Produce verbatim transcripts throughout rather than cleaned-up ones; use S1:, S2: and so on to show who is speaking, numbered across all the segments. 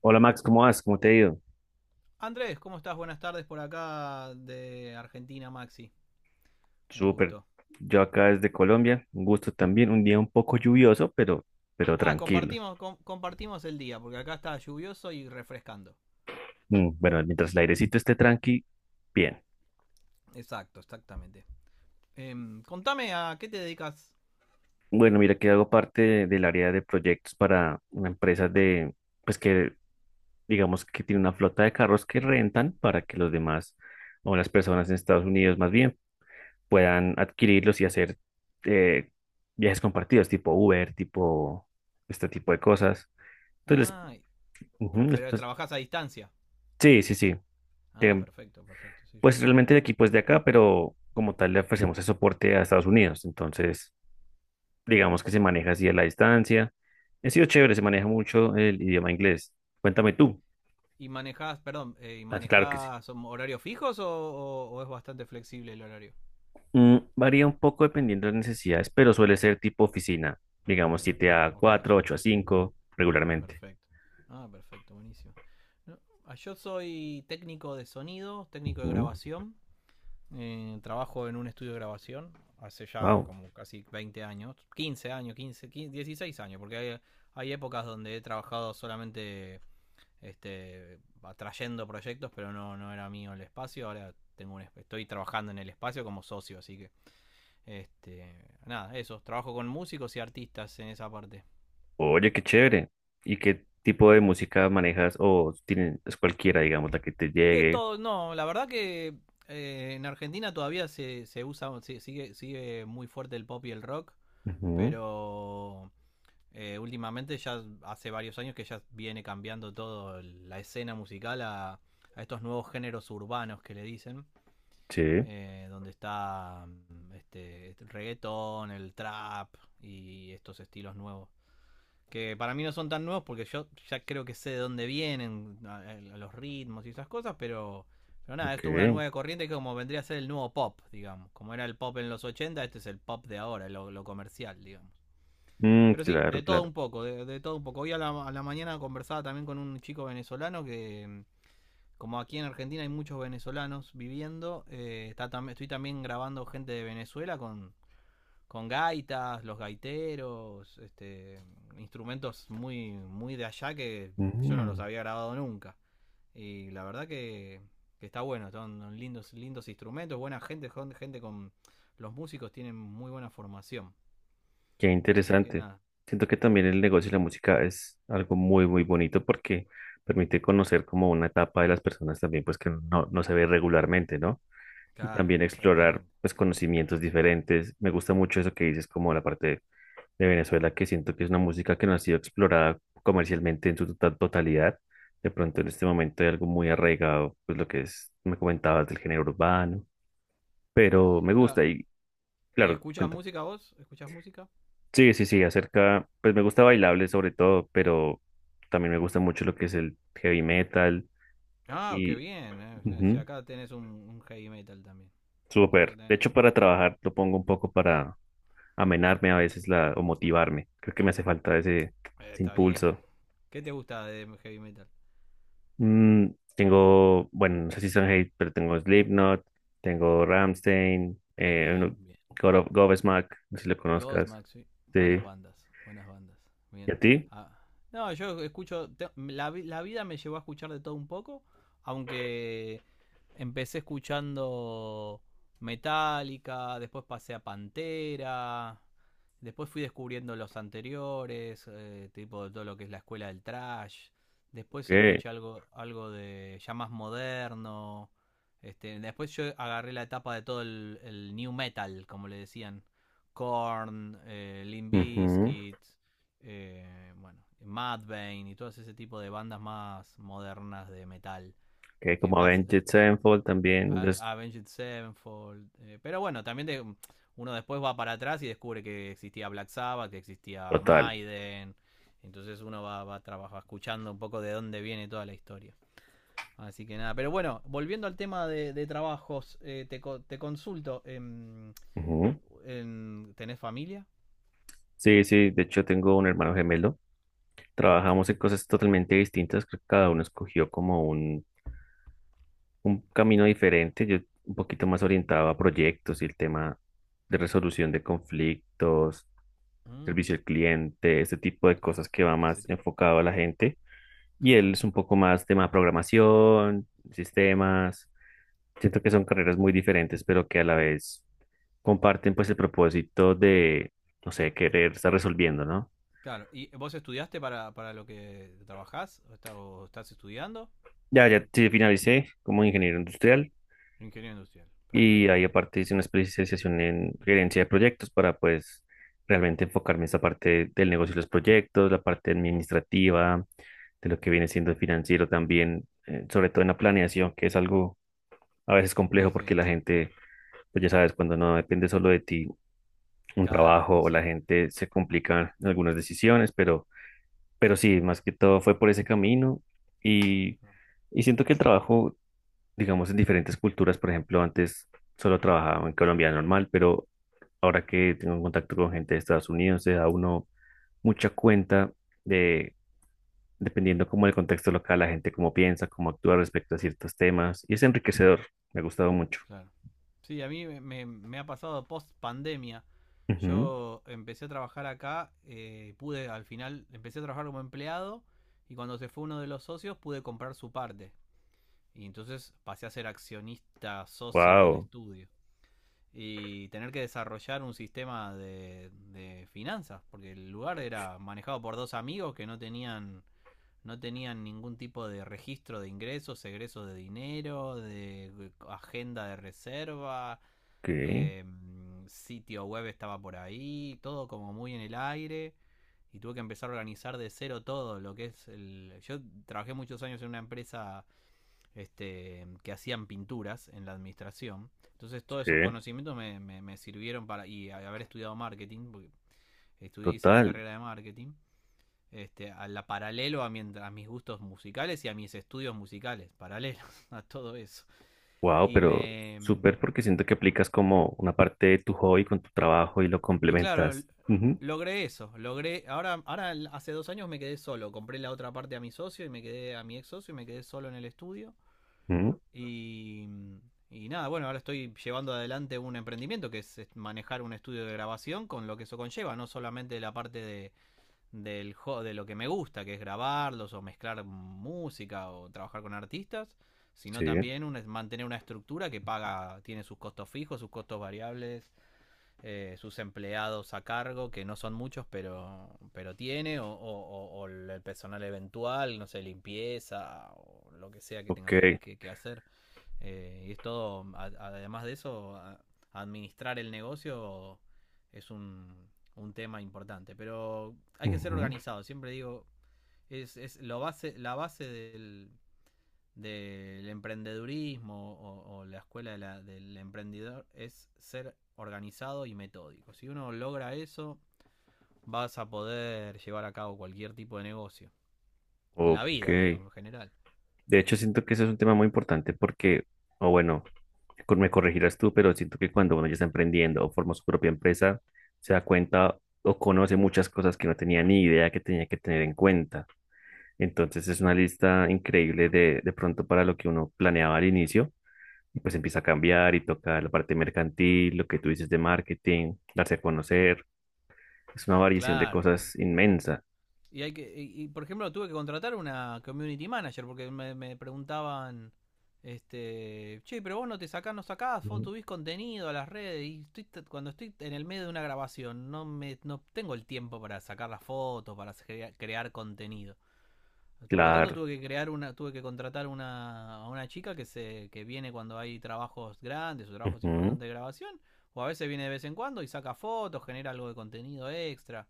S1: Hola Max, ¿cómo vas? ¿Cómo te ha ido?
S2: Andrés, ¿cómo estás? Buenas tardes por acá de Argentina, Maxi. Un
S1: Súper.
S2: gusto.
S1: Yo acá desde Colombia, un gusto también, un día un poco lluvioso, pero, pero
S2: Ah,
S1: tranquilo.
S2: compartimos, com- compartimos el día, porque acá está lluvioso y refrescando.
S1: Mm, Bueno, mientras el airecito esté tranqui, bien.
S2: Exacto, exactamente. Em, contame a qué te dedicas.
S1: Bueno, mira que hago parte de- del área de proyectos para una empresa de, pues que digamos que tiene una flota de carros que rentan para que los demás o las personas en Estados Unidos más bien puedan adquirirlos y hacer eh, viajes compartidos, tipo Uber, tipo este tipo de cosas. Entonces,
S2: Ah,
S1: les, ujú, les-
S2: pero
S1: pues,
S2: trabajás a distancia.
S1: sí, sí, sí.
S2: Ah,
S1: Em,
S2: perfecto, perfecto, sí, sí.
S1: pues realmente el equipo es de acá, pero como tal le ofrecemos el soporte a Estados Unidos. Entonces, digamos que se maneja así a la distancia. Ha sido chévere, se maneja mucho el idioma inglés. Cuéntame tú.
S2: ¿Y manejás, perdón, eh, ¿y
S1: Ah, claro que sí.
S2: manejás um, horarios fijos o, o- o es bastante flexible el horario?
S1: Mm, varía un poco dependiendo de las necesidades, pero suele ser tipo oficina. Digamos siete
S2: Ah,
S1: a
S2: ok,
S1: cuatro, ocho a cinco, regularmente.
S2: perfecto. Ah, perfecto, buenísimo. No, ah, yo soy técnico de sonido, técnico de grabación. Eh, trabajo en un estudio de grabación hace ya
S1: Wow.
S2: como casi veinte años, quince años, quince quince dieciséis años, porque hay, hay, épocas donde he trabajado solamente este, atrayendo proyectos, pero no, no era mío el espacio, ahora tengo un, estoy trabajando en el espacio como socio, así que este, nada, eso, trabajo con músicos y artistas en esa parte.
S1: Oye, qué chévere. ¿Y qué tipo de música manejas? O tienes, es cualquiera, digamos, la que te
S2: De
S1: llegue.
S2: todo, no, la verdad que eh, en Argentina todavía se, se usa, se, sigue, sigue muy fuerte el pop y el rock,
S1: Ujú,
S2: pero Eh, últimamente ya hace varios años que ya viene cambiando todo la escena musical a, a estos nuevos géneros urbanos que le dicen,
S1: sí,
S2: eh, donde está mm, este, este reggaetón, el trap y estos estilos nuevos. Que para mí no son tan nuevos porque yo ya creo que sé de dónde vienen, a- a- los ritmos y esas cosas, pero, pero nada, esto es una
S1: ok.
S2: nueva corriente que como vendría a ser el nuevo pop, digamos. Como era el pop en los ochenta, este es el pop de ahora, lo, lo comercial, digamos.
S1: Mm,
S2: Pero sí,
S1: claro,
S2: de todo
S1: claro.
S2: un poco, de, de todo un poco. Hoy a la, a la mañana conversaba también con un chico venezolano que, mm, como aquí en Argentina hay muchos venezolanos viviendo, eh, está tam- estoy también grabando gente de Venezuela con, con gaitas, los gaiteros, este, instrumentos muy, muy de allá que yo no los
S1: Mm,
S2: había grabado nunca. Y la verdad que, que está bueno, son lindos, lindos instrumentos, buena gente, gente con... Los músicos tienen muy buena formación.
S1: qué
S2: Así que
S1: interesante.
S2: nada,
S1: Siento que también el negocio y la música es algo muy, muy bonito porque permite conocer como una etapa de las personas también, pues que no, no se ve regularmente, ¿no? Y
S2: claro,
S1: también explorar,
S2: exactamente.
S1: pues, conocimientos diferentes. Me gusta mucho eso que dices, como la parte de Venezuela, que siento que es una música que no ha sido explorada comercialmente en su tota- totalidad. De pronto en este momento hay algo muy arraigado, pues lo que es, me comentabas del género urbano, pero me
S2: Claro,
S1: gusta y,
S2: ¿y
S1: claro,
S2: escuchas
S1: cuéntame.
S2: música vos? ¿Escuchas música?
S1: Sí, sí, sí, acerca, pues me gusta bailable sobre todo, pero también me gusta mucho lo que es el heavy metal
S2: Ah, qué
S1: y
S2: bien. Eh. Y
S1: ujú,
S2: acá tenés un, un heavy metal también. Acá
S1: súper. De
S2: tenés-
S1: hecho, para trabajar lo pongo un poco para amenarme a veces la, o motivarme. Creo que me hace falta ese,
S2: Eh,
S1: ese
S2: Está bien.
S1: impulso.
S2: ¿Qué te gusta de heavy metal?
S1: Mm, Tengo, bueno, no sé si son hate, pero tengo Slipknot, tengo Rammstein, eh, uno-
S2: Bien, bien.
S1: God of Godsmack, no sé si lo conozcas.
S2: Ghostmax, sí. Buenas
S1: Sí.
S2: bandas, buenas bandas.
S1: ¿Y a
S2: Bien.
S1: ti?
S2: Ah, no, yo escucho. Te- la, vi- la vida me llevó a escuchar de todo un poco. Aunque empecé escuchando Metallica, después pasé a Pantera. Después fui descubriendo los anteriores, eh, tipo de todo lo que es la escuela del trash.
S1: Ok.
S2: Después escuché algo, algo de ya más moderno. Este, después yo agarré la etapa de todo el, el new metal, como le decían Korn, eh, Limp
S1: Ujú,
S2: Bizkit, eh, bueno, Mudvayne y todo ese tipo de bandas más modernas de metal.
S1: ok,
S2: Que
S1: como
S2: más.
S1: Avenged Sevenfold también. Los,
S2: Avenged Sevenfold. Eh, pero bueno, también de- uno después va para atrás y descubre que existía Black Sabbath, que existía
S1: total.
S2: Maiden. Entonces uno va, va, va escuchando un poco de dónde viene toda la historia. Así que nada, pero bueno, volviendo al tema de, de trabajos, eh, te, te consulto, em,
S1: Ujú.
S2: en- ¿tenés familia?
S1: Sí, sí, de hecho tengo un hermano gemelo. Trabajamos en cosas totalmente distintas. Creo que cada uno escogió como un, un camino diferente, yo un poquito más orientado a proyectos y el tema de resolución de conflictos,
S2: Mm,
S1: servicio al cliente, este tipo de
S2: claro,
S1: cosas que va
S2: ese
S1: más
S2: tipo,
S1: enfocado a la gente. Y
S2: claro.
S1: él es un poco más tema de programación, sistemas. Siento que son carreras muy diferentes, pero que a la vez comparten pues el propósito de, no sé, querer estar resolviendo, ¿no?
S2: Claro, ¿y vos estudiaste para, para lo que trabajás o, está- o estás estudiando?
S1: Ya, ya sí, finalicé como ingeniero industrial.
S2: Ingeniero industrial,
S1: Y
S2: perfecto.
S1: ahí aparte hice una especialización en gerencia de proyectos para pues realmente enfocarme en esta parte del negocio de los proyectos, la parte administrativa, de lo que viene siendo el financiero también, eh, sobre todo en la planeación, que es algo a veces
S2: Y
S1: complejo
S2: sí,
S1: porque la gente, pues ya sabes, cuando no depende solo de ti un
S2: claro,
S1: trabajo
S2: y
S1: o la
S2: sí,
S1: gente se complican algunas decisiones, pero, pero sí, más que todo fue por ese camino y,
S2: no,
S1: y siento que el trabajo digamos, en diferentes culturas. Por ejemplo, antes solo trabajaba en Colombia normal, pero ahora que tengo contacto con gente de Estados Unidos, se da uno mucha cuenta de, dependiendo como el contexto local, la gente cómo piensa, cómo actúa respecto a ciertos temas. Y es enriquecedor. Me ha gustado mucho.
S2: claro. Sí, a mí me, me- me ha pasado post pandemia. Yo empecé a trabajar acá, eh, pude al final, empecé a trabajar como empleado y cuando se fue uno de los socios pude comprar su parte. Y entonces pasé a ser accionista socio del
S1: Wow.
S2: estudio. Y tener que desarrollar un sistema de, de finanzas, porque el lugar era manejado por dos amigos que no tenían no tenían ningún tipo de registro de ingresos, egresos de dinero, de agenda de reserva,
S1: Ok.
S2: eh, sitio web estaba por ahí, todo como muy en el aire. Y tuve que empezar a organizar de cero todo lo que es el... Yo trabajé muchos años en una empresa este, que hacían pinturas en la administración. Entonces todos esos
S1: Sí.
S2: conocimientos me, me, me sirvieron para, y haber estudiado marketing, porque estudié, hice la
S1: Total.
S2: carrera de marketing, este, a la paralelo a, mi, a mis gustos musicales y a mis estudios musicales, paralelos a todo eso.
S1: Wow,
S2: Y
S1: pero
S2: me...
S1: súper porque siento que aplicas como una parte de tu hobby con tu trabajo y lo
S2: Y claro,
S1: complementas. Ujú,
S2: logré eso, logré, ahora, ahora hace dos años me quedé solo, compré la otra parte a mi socio y me quedé a mi ex socio y me quedé solo en el estudio.
S1: ujú,
S2: Y, mm, y nada, bueno, ahora estoy llevando adelante un emprendimiento que es manejar un estudio de grabación con lo que eso conlleva, no solamente la parte de, del, de lo que me gusta, que es grabarlos o mezclar música o trabajar con artistas,
S1: sí.
S2: sino también un- mantener una estructura que paga, tiene sus costos fijos, sus costos variables, eh, sus empleados a cargo, que no son muchos, pero, pero tiene, o, o- o- o el personal eventual, no sé, limpieza o lo que sea que
S1: Ok.
S2: tengo que- que- que hacer. Eh, y es todo, a- además de eso, a- administrar el negocio es un, un tema importante. Pero hay que ser
S1: Ujú.
S2: organizado, siempre digo, es, es lo base, la base del, del emprendedurismo o, o la escuela de la- del emprendedor es ser organizado y metódico. Si uno logra eso, vas a poder llevar a cabo cualquier tipo de negocio. En la
S1: Ok.
S2: vida, digo, en general.
S1: De hecho, siento que eso es un tema muy importante porque, o bueno, cor- me corregirás tú, pero siento que cuando uno ya está emprendiendo o forma su propia empresa, se da cuenta o conoce muchas cosas que no tenía ni idea que tenía que tener en cuenta. Entonces es una lista increíble de, de pronto para lo que uno planeaba al inicio y pues empieza a cambiar y toca la parte mercantil, lo que tú dices de marketing, darse a conocer. Es una variación de
S2: Claro, bueno,
S1: cosas inmensa.
S2: y hay que, y, y, por ejemplo tuve que contratar una community manager porque me, me preguntaban, este, che, pero vos no te sacás, no sacás, vos
S1: Mm.
S2: subís contenido a las redes y estoy, cuando estoy en el medio de una grabación no me, no tengo el tiempo para sacar las fotos, para crea, crear contenido. Por lo tanto
S1: Claro,
S2: tuve que crear una, tuve que contratar una, a una chica que se, que viene cuando hay trabajos grandes o trabajos
S1: ujú,
S2: importantes de grabación, o a veces viene de vez en cuando y saca fotos, genera algo de contenido extra.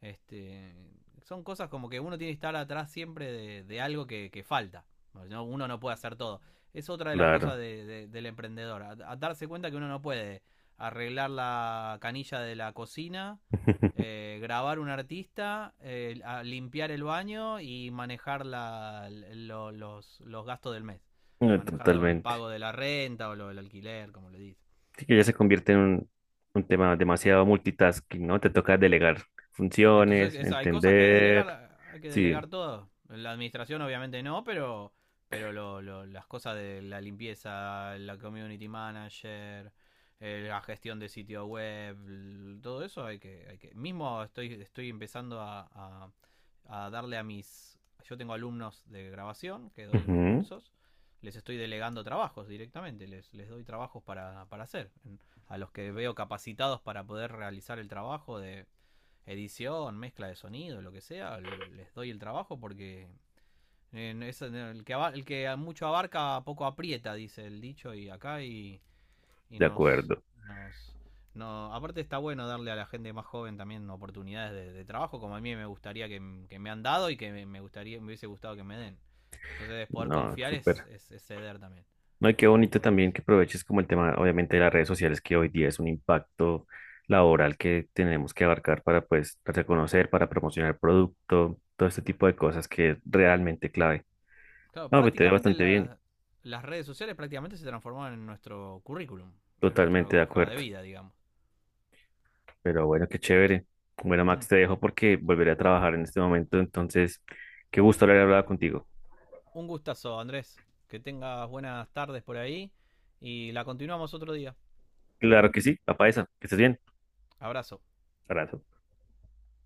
S2: Este, son cosas como que uno tiene que estar atrás siempre de, de algo que, que falta. ¿No? Uno no puede hacer todo. Es otra de las cosas
S1: claro,
S2: de- de- del emprendedor. A, a darse cuenta que uno no puede arreglar la canilla de la cocina, eh, grabar un artista, eh, a- limpiar el baño y manejar la- lo- los, los gastos del mes.
S1: no,
S2: Manejar lo- el
S1: totalmente.
S2: pago de la renta o lo, el alquiler, como le dice.
S1: Sí, que ya se convierte en un, un tema demasiado multitasking, ¿no? Te toca delegar
S2: Entonces,
S1: funciones,
S2: es- hay cosas que hay que
S1: entender.
S2: delegar, hay que
S1: Sí,
S2: delegar todo. La administración obviamente no, pero pero lo- lo- las cosas de la limpieza, la community manager, eh, la gestión de sitio web, todo eso hay que hay que mismo estoy estoy empezando a, a- a darle a mis yo tengo alumnos de grabación que doy unos
S1: ujú,
S2: cursos, les estoy delegando trabajos directamente, les les doy trabajos para para hacer, a los que veo capacitados para poder realizar el trabajo de edición, mezcla de sonido, lo que sea, les doy el trabajo porque eh, no, es no, el, que, el que mucho abarca poco aprieta, dice el dicho, y acá y, y
S1: de
S2: nos,
S1: acuerdo.
S2: nos... No, aparte está bueno darle a la gente más joven también oportunidades de, de trabajo, como a mí me gustaría que, que me han dado y que me- gustaría, me hubiese gustado que me den. Entonces poder
S1: No,
S2: confiar es,
S1: súper.
S2: es, es ceder también
S1: No, y qué
S2: un
S1: bonito
S2: poco en eso.
S1: también que aproveches como el tema, obviamente, de las redes sociales, que hoy día es un impacto laboral que tenemos que abarcar para, pues, reconocer, para promocionar el producto, todo este tipo de cosas que es realmente clave.
S2: Claro,
S1: No, me te ve
S2: prácticamente
S1: bastante bien,
S2: la- las redes sociales prácticamente se transformaron en nuestro currículum, es nuestra
S1: totalmente de
S2: hoja de
S1: acuerdo.
S2: vida, digamos.
S1: Pero bueno, qué chévere. Bueno, Max,
S2: Un
S1: te dejo porque volveré a trabajar en este momento, entonces, qué gusto haber hablado contigo.
S2: gustazo, Andrés. Que tengas buenas tardes por ahí y la continuamos otro día.
S1: Claro que sí, papá esa, que estés bien.
S2: Abrazo.
S1: Abrazo.